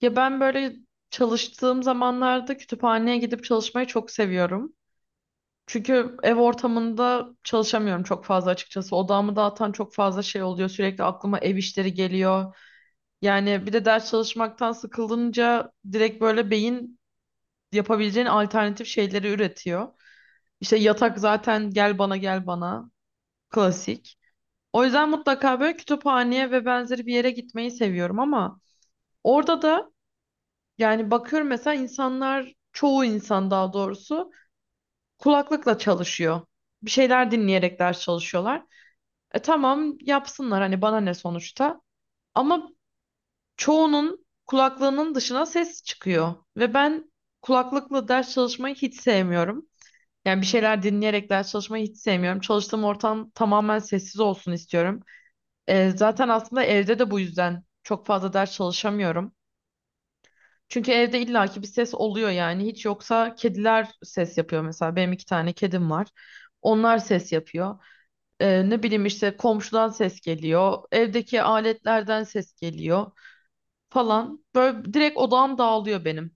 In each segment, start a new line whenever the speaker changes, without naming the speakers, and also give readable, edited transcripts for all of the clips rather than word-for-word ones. Ya ben böyle çalıştığım zamanlarda kütüphaneye gidip çalışmayı çok seviyorum. Çünkü ev ortamında çalışamıyorum çok fazla açıkçası. Odağımı dağıtan çok fazla şey oluyor. Sürekli aklıma ev işleri geliyor. Yani bir de ders çalışmaktan sıkıldınca direkt böyle beyin yapabileceğin alternatif şeyleri üretiyor. İşte yatak zaten gel bana gel bana klasik. O yüzden mutlaka böyle kütüphaneye ve benzeri bir yere gitmeyi seviyorum, ama orada da yani bakıyorum mesela insanlar, çoğu insan daha doğrusu kulaklıkla çalışıyor. Bir şeyler dinleyerek ders çalışıyorlar. E tamam, yapsınlar, hani bana ne sonuçta. Ama çoğunun kulaklığının dışına ses çıkıyor. Ve ben kulaklıkla ders çalışmayı hiç sevmiyorum. Yani bir şeyler dinleyerek ders çalışmayı hiç sevmiyorum. Çalıştığım ortam tamamen sessiz olsun istiyorum. Zaten aslında evde de bu yüzden çok fazla ders çalışamıyorum. Çünkü evde illaki bir ses oluyor yani. Hiç yoksa kediler ses yapıyor mesela. Benim iki tane kedim var. Onlar ses yapıyor. Ne bileyim işte komşudan ses geliyor. Evdeki aletlerden ses geliyor falan. Böyle direkt odağım dağılıyor benim.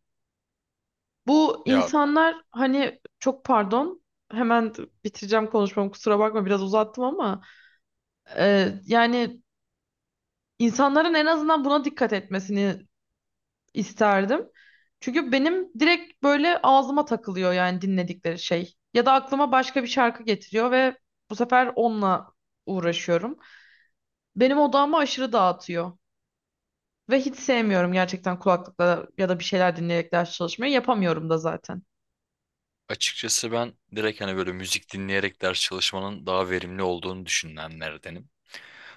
Bu
Ya
insanlar hani çok pardon. Hemen bitireceğim konuşmamı, kusura bakma biraz uzattım, ama yani insanların en azından buna dikkat etmesini isterdim. Çünkü benim direkt böyle ağzıma takılıyor yani dinledikleri şey. Ya da aklıma başka bir şarkı getiriyor ve bu sefer onunla uğraşıyorum. Benim odağımı aşırı dağıtıyor. Ve hiç sevmiyorum gerçekten kulaklıkla ya da bir şeyler dinleyerek ders çalışmayı. Yapamıyorum da zaten.
açıkçası ben direkt hani böyle müzik dinleyerek ders çalışmanın daha verimli olduğunu düşünenlerdenim.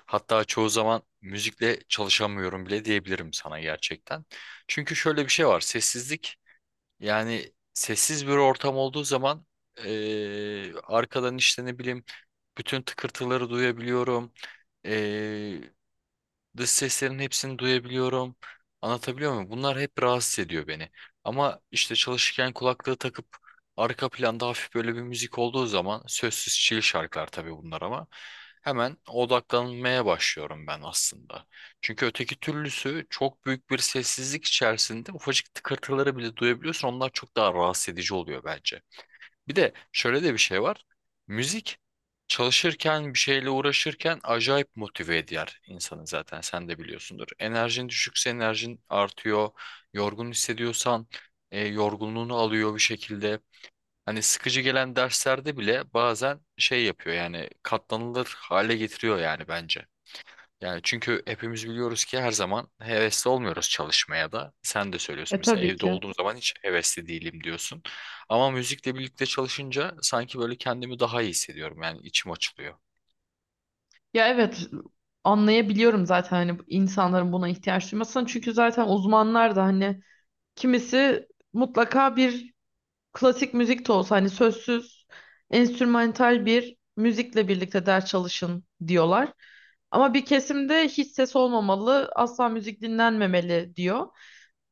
Hatta çoğu zaman müzikle çalışamıyorum bile diyebilirim sana gerçekten. Çünkü şöyle bir şey var. Sessizlik yani sessiz bir ortam olduğu zaman arkadan işte ne bileyim bütün tıkırtıları duyabiliyorum. Dış seslerin hepsini duyabiliyorum. Anlatabiliyor muyum? Bunlar hep rahatsız ediyor beni. Ama işte çalışırken kulaklığı takıp arka planda hafif böyle bir müzik olduğu zaman sözsüz chill şarkılar tabii bunlar ama hemen odaklanmaya başlıyorum ben aslında. Çünkü öteki türlüsü çok büyük bir sessizlik içerisinde ufacık tıkırtıları bile duyabiliyorsun. Onlar çok daha rahatsız edici oluyor bence. Bir de şöyle de bir şey var. Müzik çalışırken bir şeyle uğraşırken acayip motive eder insanı zaten sen de biliyorsundur. Enerjin düşükse enerjin artıyor. Yorgun hissediyorsan yorgunluğunu alıyor bir şekilde. Hani sıkıcı gelen derslerde bile bazen şey yapıyor yani katlanılır hale getiriyor yani bence. Yani çünkü hepimiz biliyoruz ki her zaman hevesli olmuyoruz çalışmaya da. Sen de söylüyorsun
E
mesela
tabii
evde
ki.
olduğum zaman hiç hevesli değilim diyorsun. Ama müzikle birlikte çalışınca sanki böyle kendimi daha iyi hissediyorum. Yani içim açılıyor.
Ya evet, anlayabiliyorum zaten hani insanların buna ihtiyaç duymasını. Çünkü zaten uzmanlar da hani kimisi mutlaka bir klasik müzik de olsa, hani sözsüz, enstrümantal bir müzikle birlikte ders çalışın diyorlar. Ama bir kesimde hiç ses olmamalı, asla müzik dinlenmemeli diyor.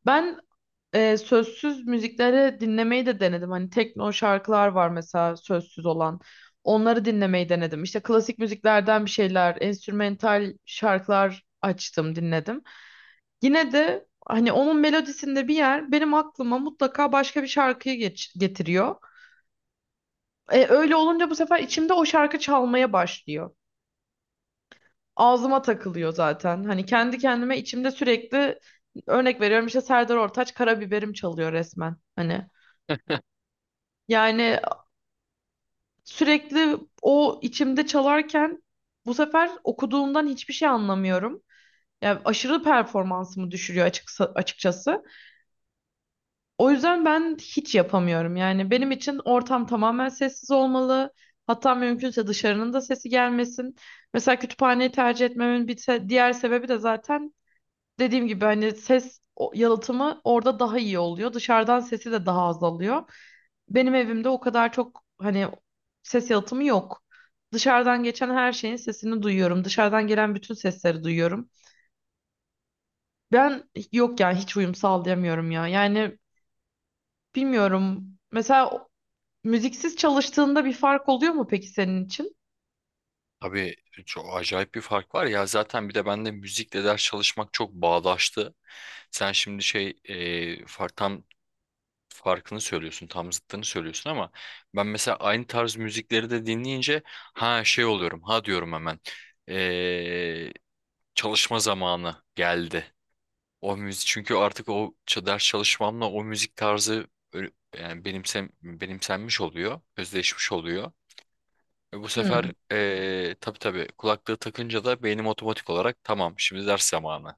Ben sözsüz müzikleri dinlemeyi de denedim. Hani tekno şarkılar var mesela sözsüz olan. Onları dinlemeyi denedim. İşte klasik müziklerden bir şeyler, enstrümental şarkılar açtım, dinledim. Yine de hani onun melodisinde bir yer benim aklıma mutlaka başka bir şarkıyı getiriyor. Öyle olunca bu sefer içimde o şarkı çalmaya başlıyor. Ağzıma takılıyor zaten. Hani kendi kendime içimde sürekli örnek veriyorum, işte Serdar Ortaç Karabiberim çalıyor resmen. Hani yani sürekli o içimde çalarken bu sefer okuduğumdan hiçbir şey anlamıyorum. Yani aşırı performansımı düşürüyor açıkçası. O yüzden ben hiç yapamıyorum. Yani benim için ortam tamamen sessiz olmalı. Hatta mümkünse dışarının da sesi gelmesin. Mesela kütüphaneyi tercih etmemin bir diğer sebebi de zaten dediğim gibi hani ses yalıtımı orada daha iyi oluyor. Dışarıdan sesi de daha azalıyor. Benim evimde o kadar çok hani ses yalıtımı yok. Dışarıdan geçen her şeyin sesini duyuyorum. Dışarıdan gelen bütün sesleri duyuyorum. Ben yok yani hiç uyum sağlayamıyorum ya. Yani bilmiyorum. Mesela müziksiz çalıştığında bir fark oluyor mu peki senin için?
Tabii çok acayip bir fark var ya zaten bir de bende müzikle ders çalışmak çok bağdaştı. Sen şimdi tam farkını söylüyorsun, tam zıttını söylüyorsun ama ben mesela aynı tarz müzikleri de dinleyince ha şey oluyorum, ha diyorum hemen. Çalışma zamanı geldi. O müzik çünkü artık ders çalışmamla o müzik tarzı yani benimsenmiş oluyor, özdeşmiş oluyor. E bu sefer
Hmm.
tabii kulaklığı takınca da beynim otomatik olarak tamam şimdi ders zamanı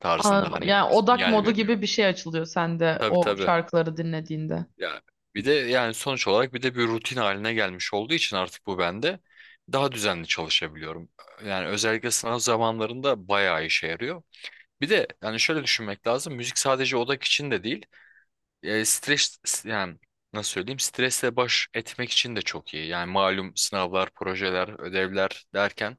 tarzında
Anladım.
hani
Yani
bir
odak
sinyal
modu
veriyor.
gibi bir şey açılıyor sende
Tabii
o
tabii. Anladım.
şarkıları dinlediğinde.
Ya bir de yani sonuç olarak bir de bir rutin haline gelmiş olduğu için artık bu bende daha düzenli çalışabiliyorum. Yani özellikle sınav zamanlarında bayağı işe yarıyor. Bir de yani şöyle düşünmek lazım. Müzik sadece odak için de değil. Yani nasıl söyleyeyim? Stresle baş etmek için de çok iyi. Yani malum sınavlar, projeler, ödevler derken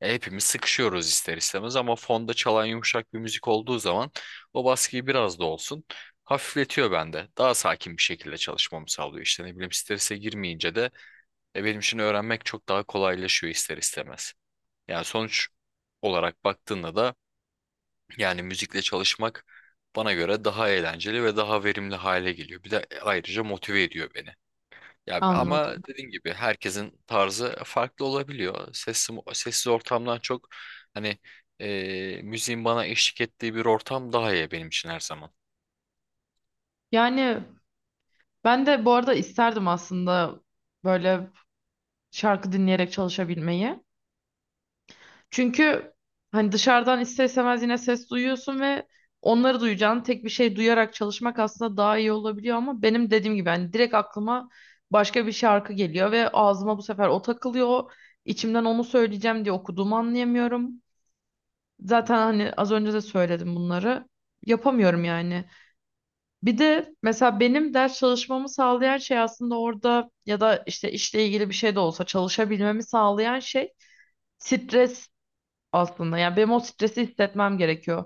hepimiz sıkışıyoruz ister istemez ama fonda çalan yumuşak bir müzik olduğu zaman o baskıyı biraz da olsun hafifletiyor bende. Daha sakin bir şekilde çalışmamı sağlıyor. İşte ne bileyim strese girmeyince de benim için öğrenmek çok daha kolaylaşıyor ister istemez. Yani sonuç olarak baktığında da yani müzikle çalışmak bana göre daha eğlenceli ve daha verimli hale geliyor. Bir de ayrıca motive ediyor beni. Ya ama
Anladım.
dediğim gibi herkesin tarzı farklı olabiliyor. Sessiz, sessiz ortamdan çok hani müziğin bana eşlik ettiği bir ortam daha iyi benim için her zaman.
Yani ben de bu arada isterdim aslında böyle şarkı dinleyerek çalışabilmeyi. Çünkü hani dışarıdan ister istemez yine ses duyuyorsun ve onları duyacağın tek bir şey duyarak çalışmak aslında daha iyi olabiliyor, ama benim dediğim gibi hani direkt aklıma başka bir şarkı geliyor ve ağzıma bu sefer o takılıyor. İçimden onu söyleyeceğim diye okuduğumu anlayamıyorum. Zaten hani az önce de söyledim bunları. Yapamıyorum yani. Bir de mesela benim ders çalışmamı sağlayan şey aslında orada ya da işte işle ilgili bir şey de olsa çalışabilmemi sağlayan şey stres aslında. Yani benim o stresi hissetmem gerekiyor.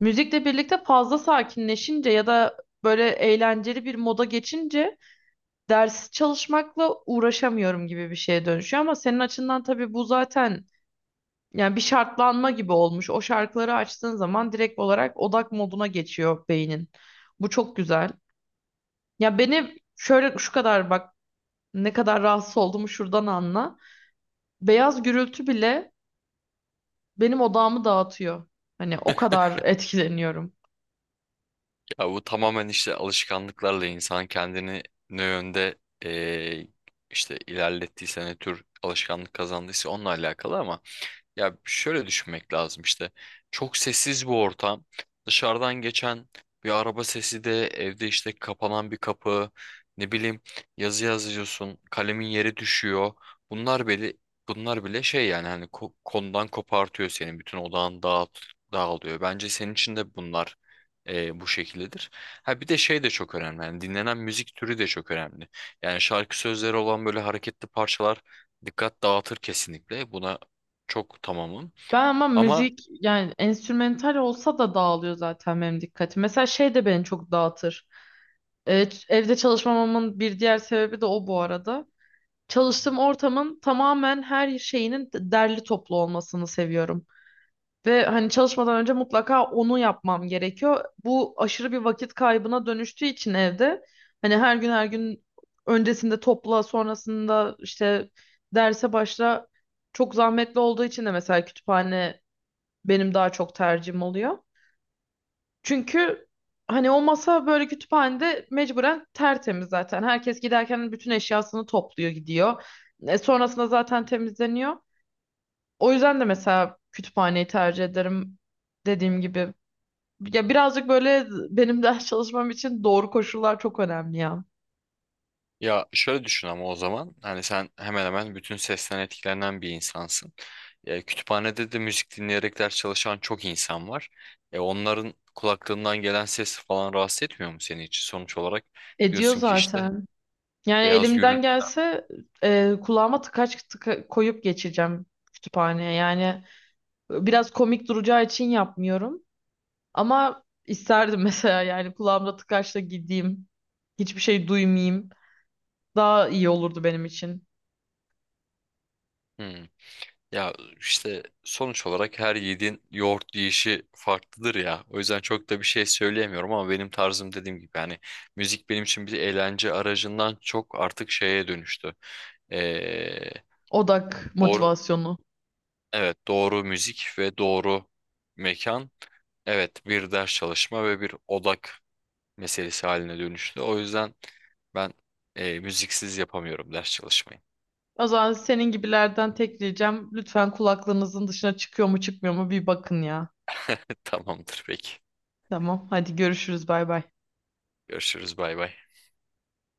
Müzikle birlikte fazla sakinleşince ya da böyle eğlenceli bir moda geçince ders çalışmakla uğraşamıyorum gibi bir şeye dönüşüyor. Ama senin açından tabii bu zaten yani bir şartlanma gibi olmuş. O şarkıları açtığın zaman direkt olarak odak moduna geçiyor beynin. Bu çok güzel. Ya beni şöyle şu kadar bak, ne kadar rahatsız olduğumu şuradan anla. Beyaz gürültü bile benim odağımı dağıtıyor. Hani o kadar etkileniyorum.
Ya bu tamamen işte alışkanlıklarla insan kendini ne yönde e, işte ilerlettiyse ne tür alışkanlık kazandıysa onunla alakalı ama ya şöyle düşünmek lazım işte. Çok sessiz bir ortam. Dışarıdan geçen bir araba sesi de evde işte kapanan bir kapı. Ne bileyim yazı yazıyorsun. Kalemin yeri düşüyor. Bunlar bile bunlar bile şey yani hani konudan kopartıyor senin. Bütün dağılıyor. Bence senin için de bunlar bu şekildedir. Ha bir de şey de çok önemli. Yani dinlenen müzik türü de çok önemli. Yani şarkı sözleri olan böyle hareketli parçalar dikkat dağıtır kesinlikle. Buna çok tamamım.
Ben ama
Ama
müzik yani enstrümantal olsa da dağılıyor zaten benim dikkatim. Mesela şey de beni çok dağıtır. Evde çalışmamamın bir diğer sebebi de o bu arada. Çalıştığım ortamın tamamen her şeyinin derli toplu olmasını seviyorum. Ve hani çalışmadan önce mutlaka onu yapmam gerekiyor. Bu aşırı bir vakit kaybına dönüştüğü için evde hani her gün her gün öncesinde topla, sonrasında işte derse başla, çok zahmetli olduğu için de mesela kütüphane benim daha çok tercihim oluyor. Çünkü hani o masa böyle kütüphanede mecburen tertemiz zaten. Herkes giderken bütün eşyasını topluyor gidiyor. E, sonrasında zaten temizleniyor. O yüzden de mesela kütüphaneyi tercih ederim dediğim gibi. Ya birazcık böyle benim ders çalışmam için doğru koşullar çok önemli ya.
ya şöyle düşün ama o zaman hani sen hemen hemen bütün sesten etkilenen bir insansın. E, kütüphanede de müzik dinleyerek ders çalışan çok insan var. E, onların kulaklarından gelen ses falan rahatsız etmiyor mu seni hiç? Sonuç olarak
Ediyor
diyorsun ki işte
zaten. Yani
beyaz
elimden
gürültü.
gelse kulağıma tıkaç tıka koyup geçeceğim kütüphaneye. Yani biraz komik duracağı için yapmıyorum. Ama isterdim mesela yani kulağımda tıkaçla gideyim. Hiçbir şey duymayayım. Daha iyi olurdu benim için.
Ya işte sonuç olarak her yiğidin yoğurt yiyişi farklıdır ya. O yüzden çok da bir şey söyleyemiyorum ama benim tarzım dediğim gibi yani müzik benim için bir eğlence aracından çok artık şeye dönüştü. Ee,
Odak
doğru
motivasyonu.
evet doğru müzik ve doğru mekan evet bir ders çalışma ve bir odak meselesi haline dönüştü. O yüzden ben müziksiz yapamıyorum ders çalışmayı.
O zaman senin gibilerden tek ricam lütfen kulaklığınızın dışına çıkıyor mu çıkmıyor mu bir bakın ya.
Tamamdır peki.
Tamam, hadi görüşürüz, bay bay.
Görüşürüz bay bay.